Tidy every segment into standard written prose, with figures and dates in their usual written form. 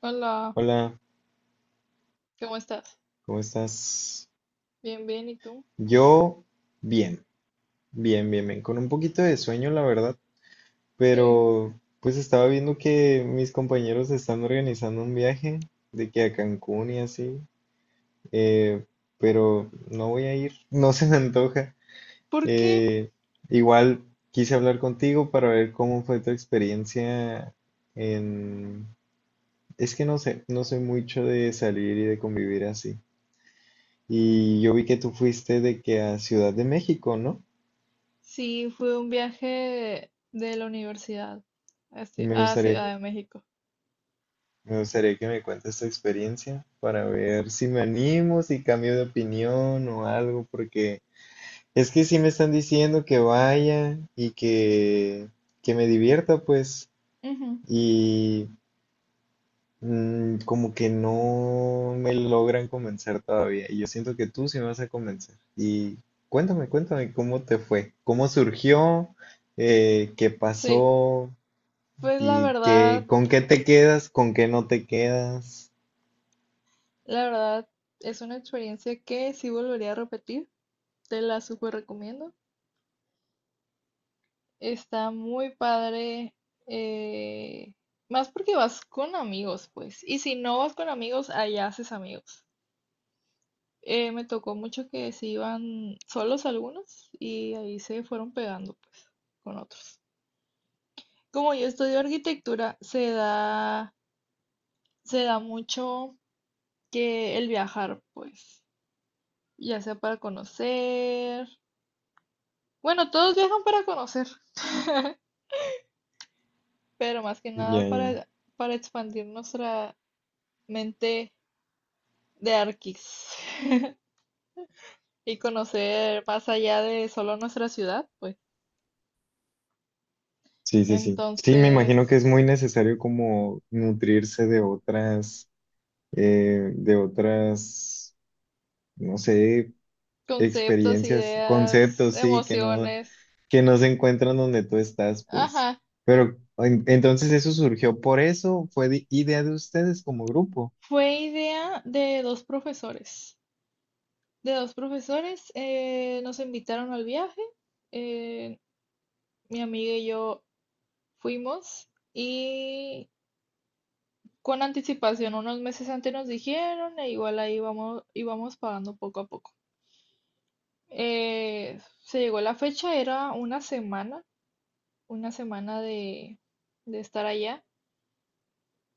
Hola, Hola, ¿cómo estás? ¿cómo estás? Bien, bien, ¿y tú? Yo bien, bien, con un poquito de sueño, la verdad, Sí. pero pues estaba viendo que mis compañeros están organizando un viaje de que a Cancún y así, eh, pero no voy a ir, no se me antoja. ¿Por qué? Eh, Igual quise hablar contigo para ver cómo fue tu experiencia en... Es que no sé, no soy mucho de salir y de convivir así. Y yo vi que tú fuiste de que a Ciudad de México, ¿no? Sí, fue un viaje de la universidad a, Y Ci- me a gustaría, sí, Ciudad de México. me gustaría que me cuentes tu experiencia para ver si me animo, si cambio de opinión o algo, porque es que sí me están diciendo que vaya y que me divierta, pues, Ujú. y como que no me logran convencer todavía. Y yo siento que tú sí me vas a convencer. Y cuéntame cómo te fue, cómo surgió, qué Sí, pasó. pues la ¿Y qué, verdad, con qué te quedas, con qué no te quedas? la verdad es una experiencia que sí volvería a repetir, te la súper recomiendo. Está muy padre, eh, más porque vas con amigos, pues, y si no vas con amigos, allá haces amigos. Me tocó mucho que se iban solos algunos y ahí se fueron pegando, pues, con otros. Como yo estudio arquitectura, se da mucho que el viajar, pues, ya sea para conocer. Bueno, todos viajan para conocer, pero más que nada Ya, ya, ya. para expandir nuestra mente de arquis y conocer más allá de solo nuestra ciudad, pues. Sí, sí, sí. Sí, me imagino que Entonces, es muy necesario como nutrirse de otras, eh, de otras, no sé, conceptos, experiencias, ideas, conceptos, sí, emociones. que no se encuentran donde tú estás, pues. Ajá. Pero entonces eso surgió por eso, fue idea de ustedes como grupo. Fue idea de dos profesores. De dos profesores, nos invitaron al viaje. eh, Mi amiga y yo fuimos y, con anticipación, unos meses antes nos dijeron e igual ahí vamos, íbamos pagando poco a poco. Se llegó la fecha, era una semana, de estar allá.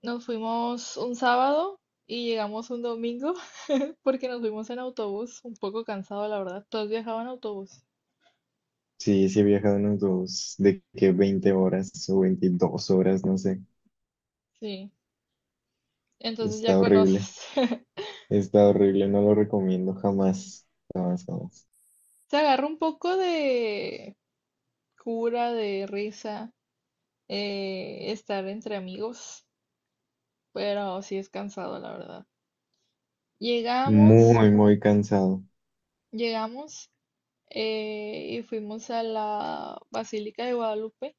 Nos fuimos un sábado y llegamos un domingo porque nos fuimos en autobús, un poco cansado, la verdad. Todos viajaban en autobús. Sí, sí he viajado unos dos, de que 20 horas o 22 horas, no sé. Sí, entonces ya Está horrible. conoces. Está horrible, no lo recomiendo jamás, jamás, jamás. Se agarra un poco de cura, de risa, estar entre amigos, pero sí es cansado, la verdad. Llegamos, Muy, muy cansado. llegamos y fuimos a la Basílica de Guadalupe.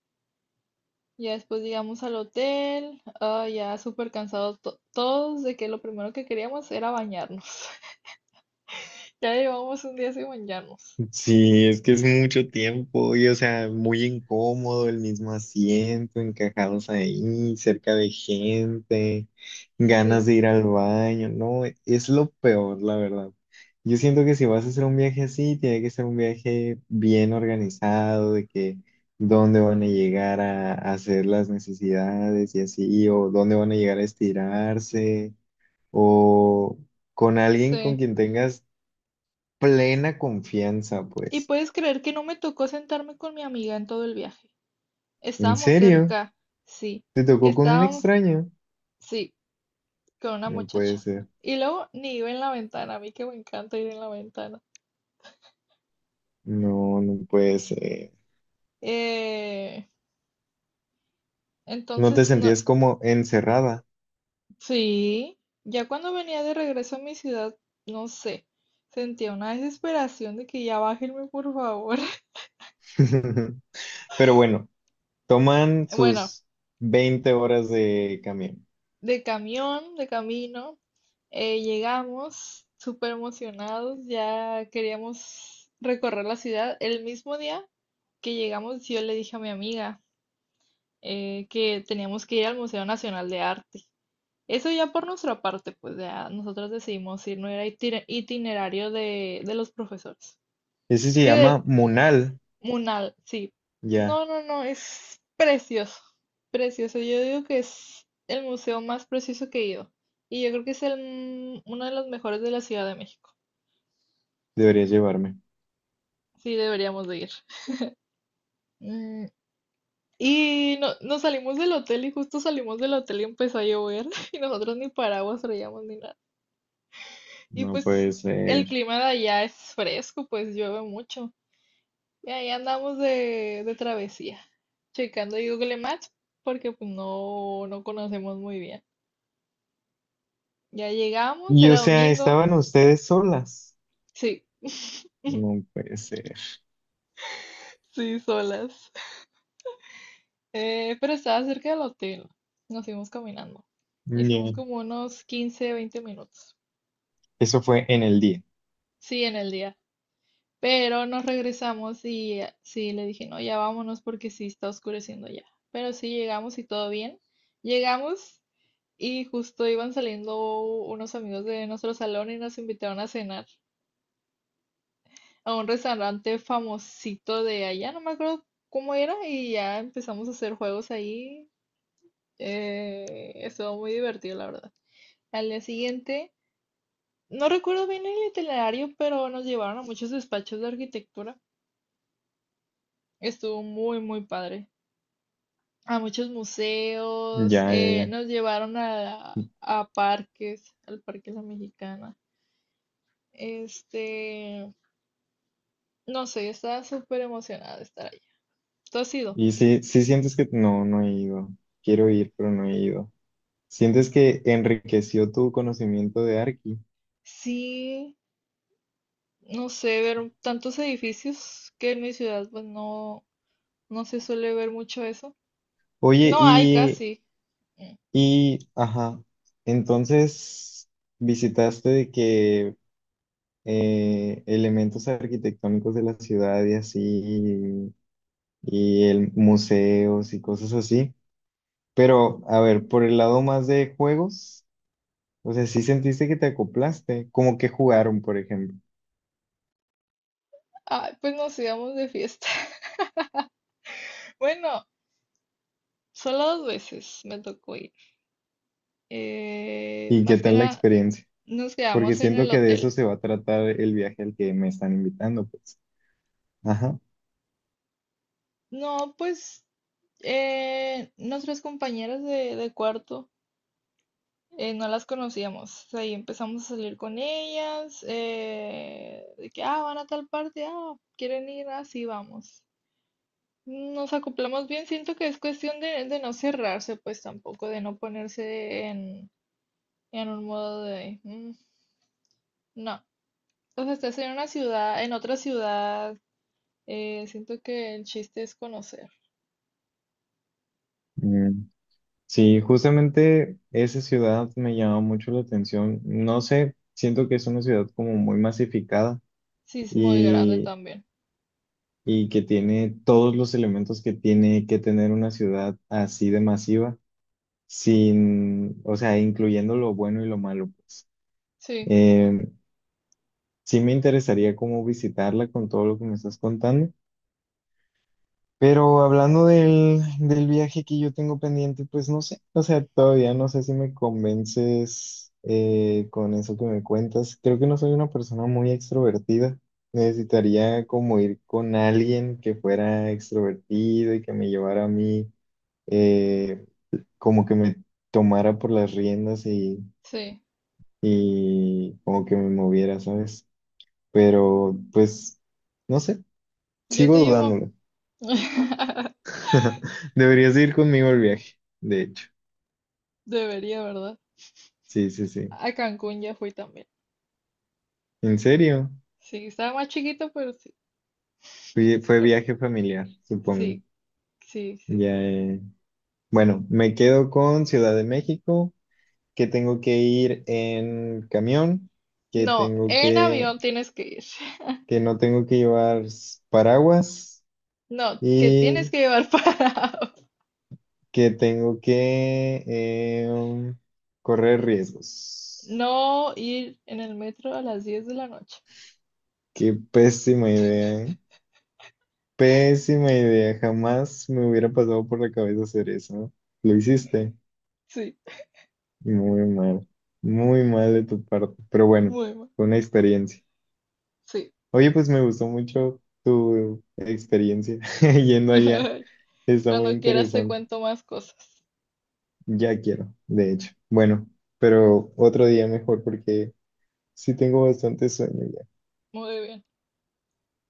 Ya después llegamos al hotel, ah, ya súper cansados todos de que lo primero que queríamos era bañarnos. Ya llevamos un día sin bañarnos. Sí, es que es mucho tiempo y, o sea, muy incómodo el mismo asiento, encajados ahí, cerca de gente, ganas Sí, de ir al baño, no, es lo peor, la verdad. Yo siento que si vas a hacer un viaje así, tiene que ser un viaje bien organizado, de que dónde van a llegar a hacer las necesidades y así, o dónde van a llegar a estirarse o con alguien con sí. quien tengas plena confianza, Y pues. puedes creer que no me tocó sentarme con mi amiga en todo el viaje. ¿En Estábamos serio? cerca, sí. ¿Te tocó con un Estábamos, extraño? sí, con una No puede muchacha. ser. Y luego ni iba en la ventana, a mí que me encanta ir en la ventana. No, no puede ser. Eh, ¿No entonces, te pues no. sentías como encerrada? Sí, ya cuando venía de regreso a mi ciudad, no sé, sentía una desesperación de que ya bájenme, por favor. Pero bueno, toman Bueno, sus 20 horas de camión. de camión, de camino, llegamos súper emocionados, ya queríamos recorrer la ciudad. El mismo día que llegamos, yo le dije a mi amiga que teníamos que ir al Museo Nacional de Arte. Eso ya por nuestra parte, pues ya nosotros decidimos ir, no era itinerario de los profesores. Ese se Que de, llama Munal. Munal, sí. Ya, No, no, no, es precioso, precioso. Yo digo que es el museo más precioso que he ido. Y yo creo que es el uno de los mejores de la Ciudad de México. deberías llevarme. Sí, deberíamos de ir. Mm, y no, nos salimos del hotel y justo salimos del hotel y empezó a llover y nosotros ni paraguas traíamos ni nada. Y No pues puede ser. el clima de allá es fresco, pues llueve mucho. Y ahí andamos de travesía, checando Google Maps porque pues no, no conocemos muy bien. Ya llegamos, Y o era sea, domingo. estaban ustedes solas. Sí, No puede ser. sí, solas. Pero estaba cerca del hotel. Nos fuimos caminando. Hicimos Ya. como unos 15 20 minutos. Eso fue en el día. Sí, en el día. Pero nos regresamos y, sí, le dije, no, ya vámonos porque sí está oscureciendo ya. Pero sí llegamos y todo bien. Llegamos y justo iban saliendo unos amigos de nuestro salón y nos invitaron a cenar, a un restaurante famosito de allá, no me acuerdo cómo era, y ya empezamos a hacer juegos ahí. Estuvo muy divertido, la verdad. Al día siguiente, no recuerdo bien el itinerario, pero nos llevaron a muchos despachos de arquitectura. Estuvo muy, muy padre. A muchos museos, Ya, ya, ya. nos llevaron a parques, al Parque La Mexicana. Este, no sé, estaba súper emocionada de estar allá. ¿Tú has ido? Y sí, sí sientes que no, no he ido. Quiero ir, pero no he ido. ¿Sientes que enriqueció tu conocimiento de Arki? Sí, no sé, ver tantos edificios que en mi ciudad pues no, no se suele ver mucho eso. Oye, No hay y, casi. Mm. Ajá, entonces visitaste de que elementos arquitectónicos de la ciudad y así, y el museos y cosas así. Pero, a ver, por el lado más de juegos, o sea, sí sentiste que te acoplaste, como que jugaron, por ejemplo. Ah, pues nos íbamos de fiesta. Bueno, solo dos veces me tocó ir. ¿Y qué Más que tal la nada experiencia? nos Porque quedamos en siento el que de eso hotel. se va a tratar el viaje al que me están invitando, pues. Ajá. No, pues, nuestras compañeras de cuarto, no las conocíamos. Ahí empezamos a salir con ellas. De que, ah, van a tal parte, ah, quieren ir, así vamos. Nos acoplamos bien, siento que es cuestión de no cerrarse, pues, tampoco, de no ponerse en un modo de... "Mm, no, o sea, estás en una ciudad, en otra ciudad, siento que el chiste es conocer." Mm. Sí, justamente esa ciudad me llama mucho la atención. No sé, siento que es una ciudad como muy masificada Sí, es muy grande y, también. y que tiene todos los elementos que tiene que tener una ciudad así de masiva, sin, o sea, incluyendo lo bueno y lo malo, pues. Sí, Eh, sí me interesaría como visitarla con todo lo que me estás contando. Pero hablando del viaje que yo tengo pendiente, pues no sé, o sea, todavía no sé si me convences con eso que me cuentas. Creo que no soy una persona muy extrovertida. Necesitaría como ir con alguien que fuera extrovertido y que me llevara a mí, eh, como que me tomara por las riendas sí, y como que me moviera, ¿sabes? Pero pues, no sé, yo sigo te llevo. dudándolo. Deberías ir conmigo al viaje, de hecho. Debería, ¿verdad? Sí, sí, sí. A Cancún ya fui también. ¿En serio? Sí, estaba más chiquito, pero sí. Fue Claro. viaje familiar, supongo. Sí, sí, sí, sí. Ya, bueno, me quedo con Ciudad de México, que tengo que ir en camión, que No, tengo en que, avión tienes que ir. que no tengo que llevar paraguas No, que tienes y que llevar para que tengo que correr riesgos. no ir en el metro a las 10 de la noche. Qué pésima idea, ¿eh? Pésima idea. Jamás me hubiera pasado por la cabeza hacer eso. ¿Lo hiciste? Sí, Muy mal, muy mal de tu parte, pero bueno, muy mal. fue una experiencia. Sí. Oye, pues me gustó mucho tu experiencia yendo allá, está muy Cuando quieras te interesante. cuento más cosas. Ya quiero, de hecho. Bueno, pero otro día mejor porque sí tengo bastante sueño ya. Muy bien.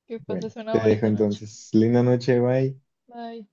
Que Bueno, pases te una dejo bonita noche. entonces. Linda noche, bye. Bye.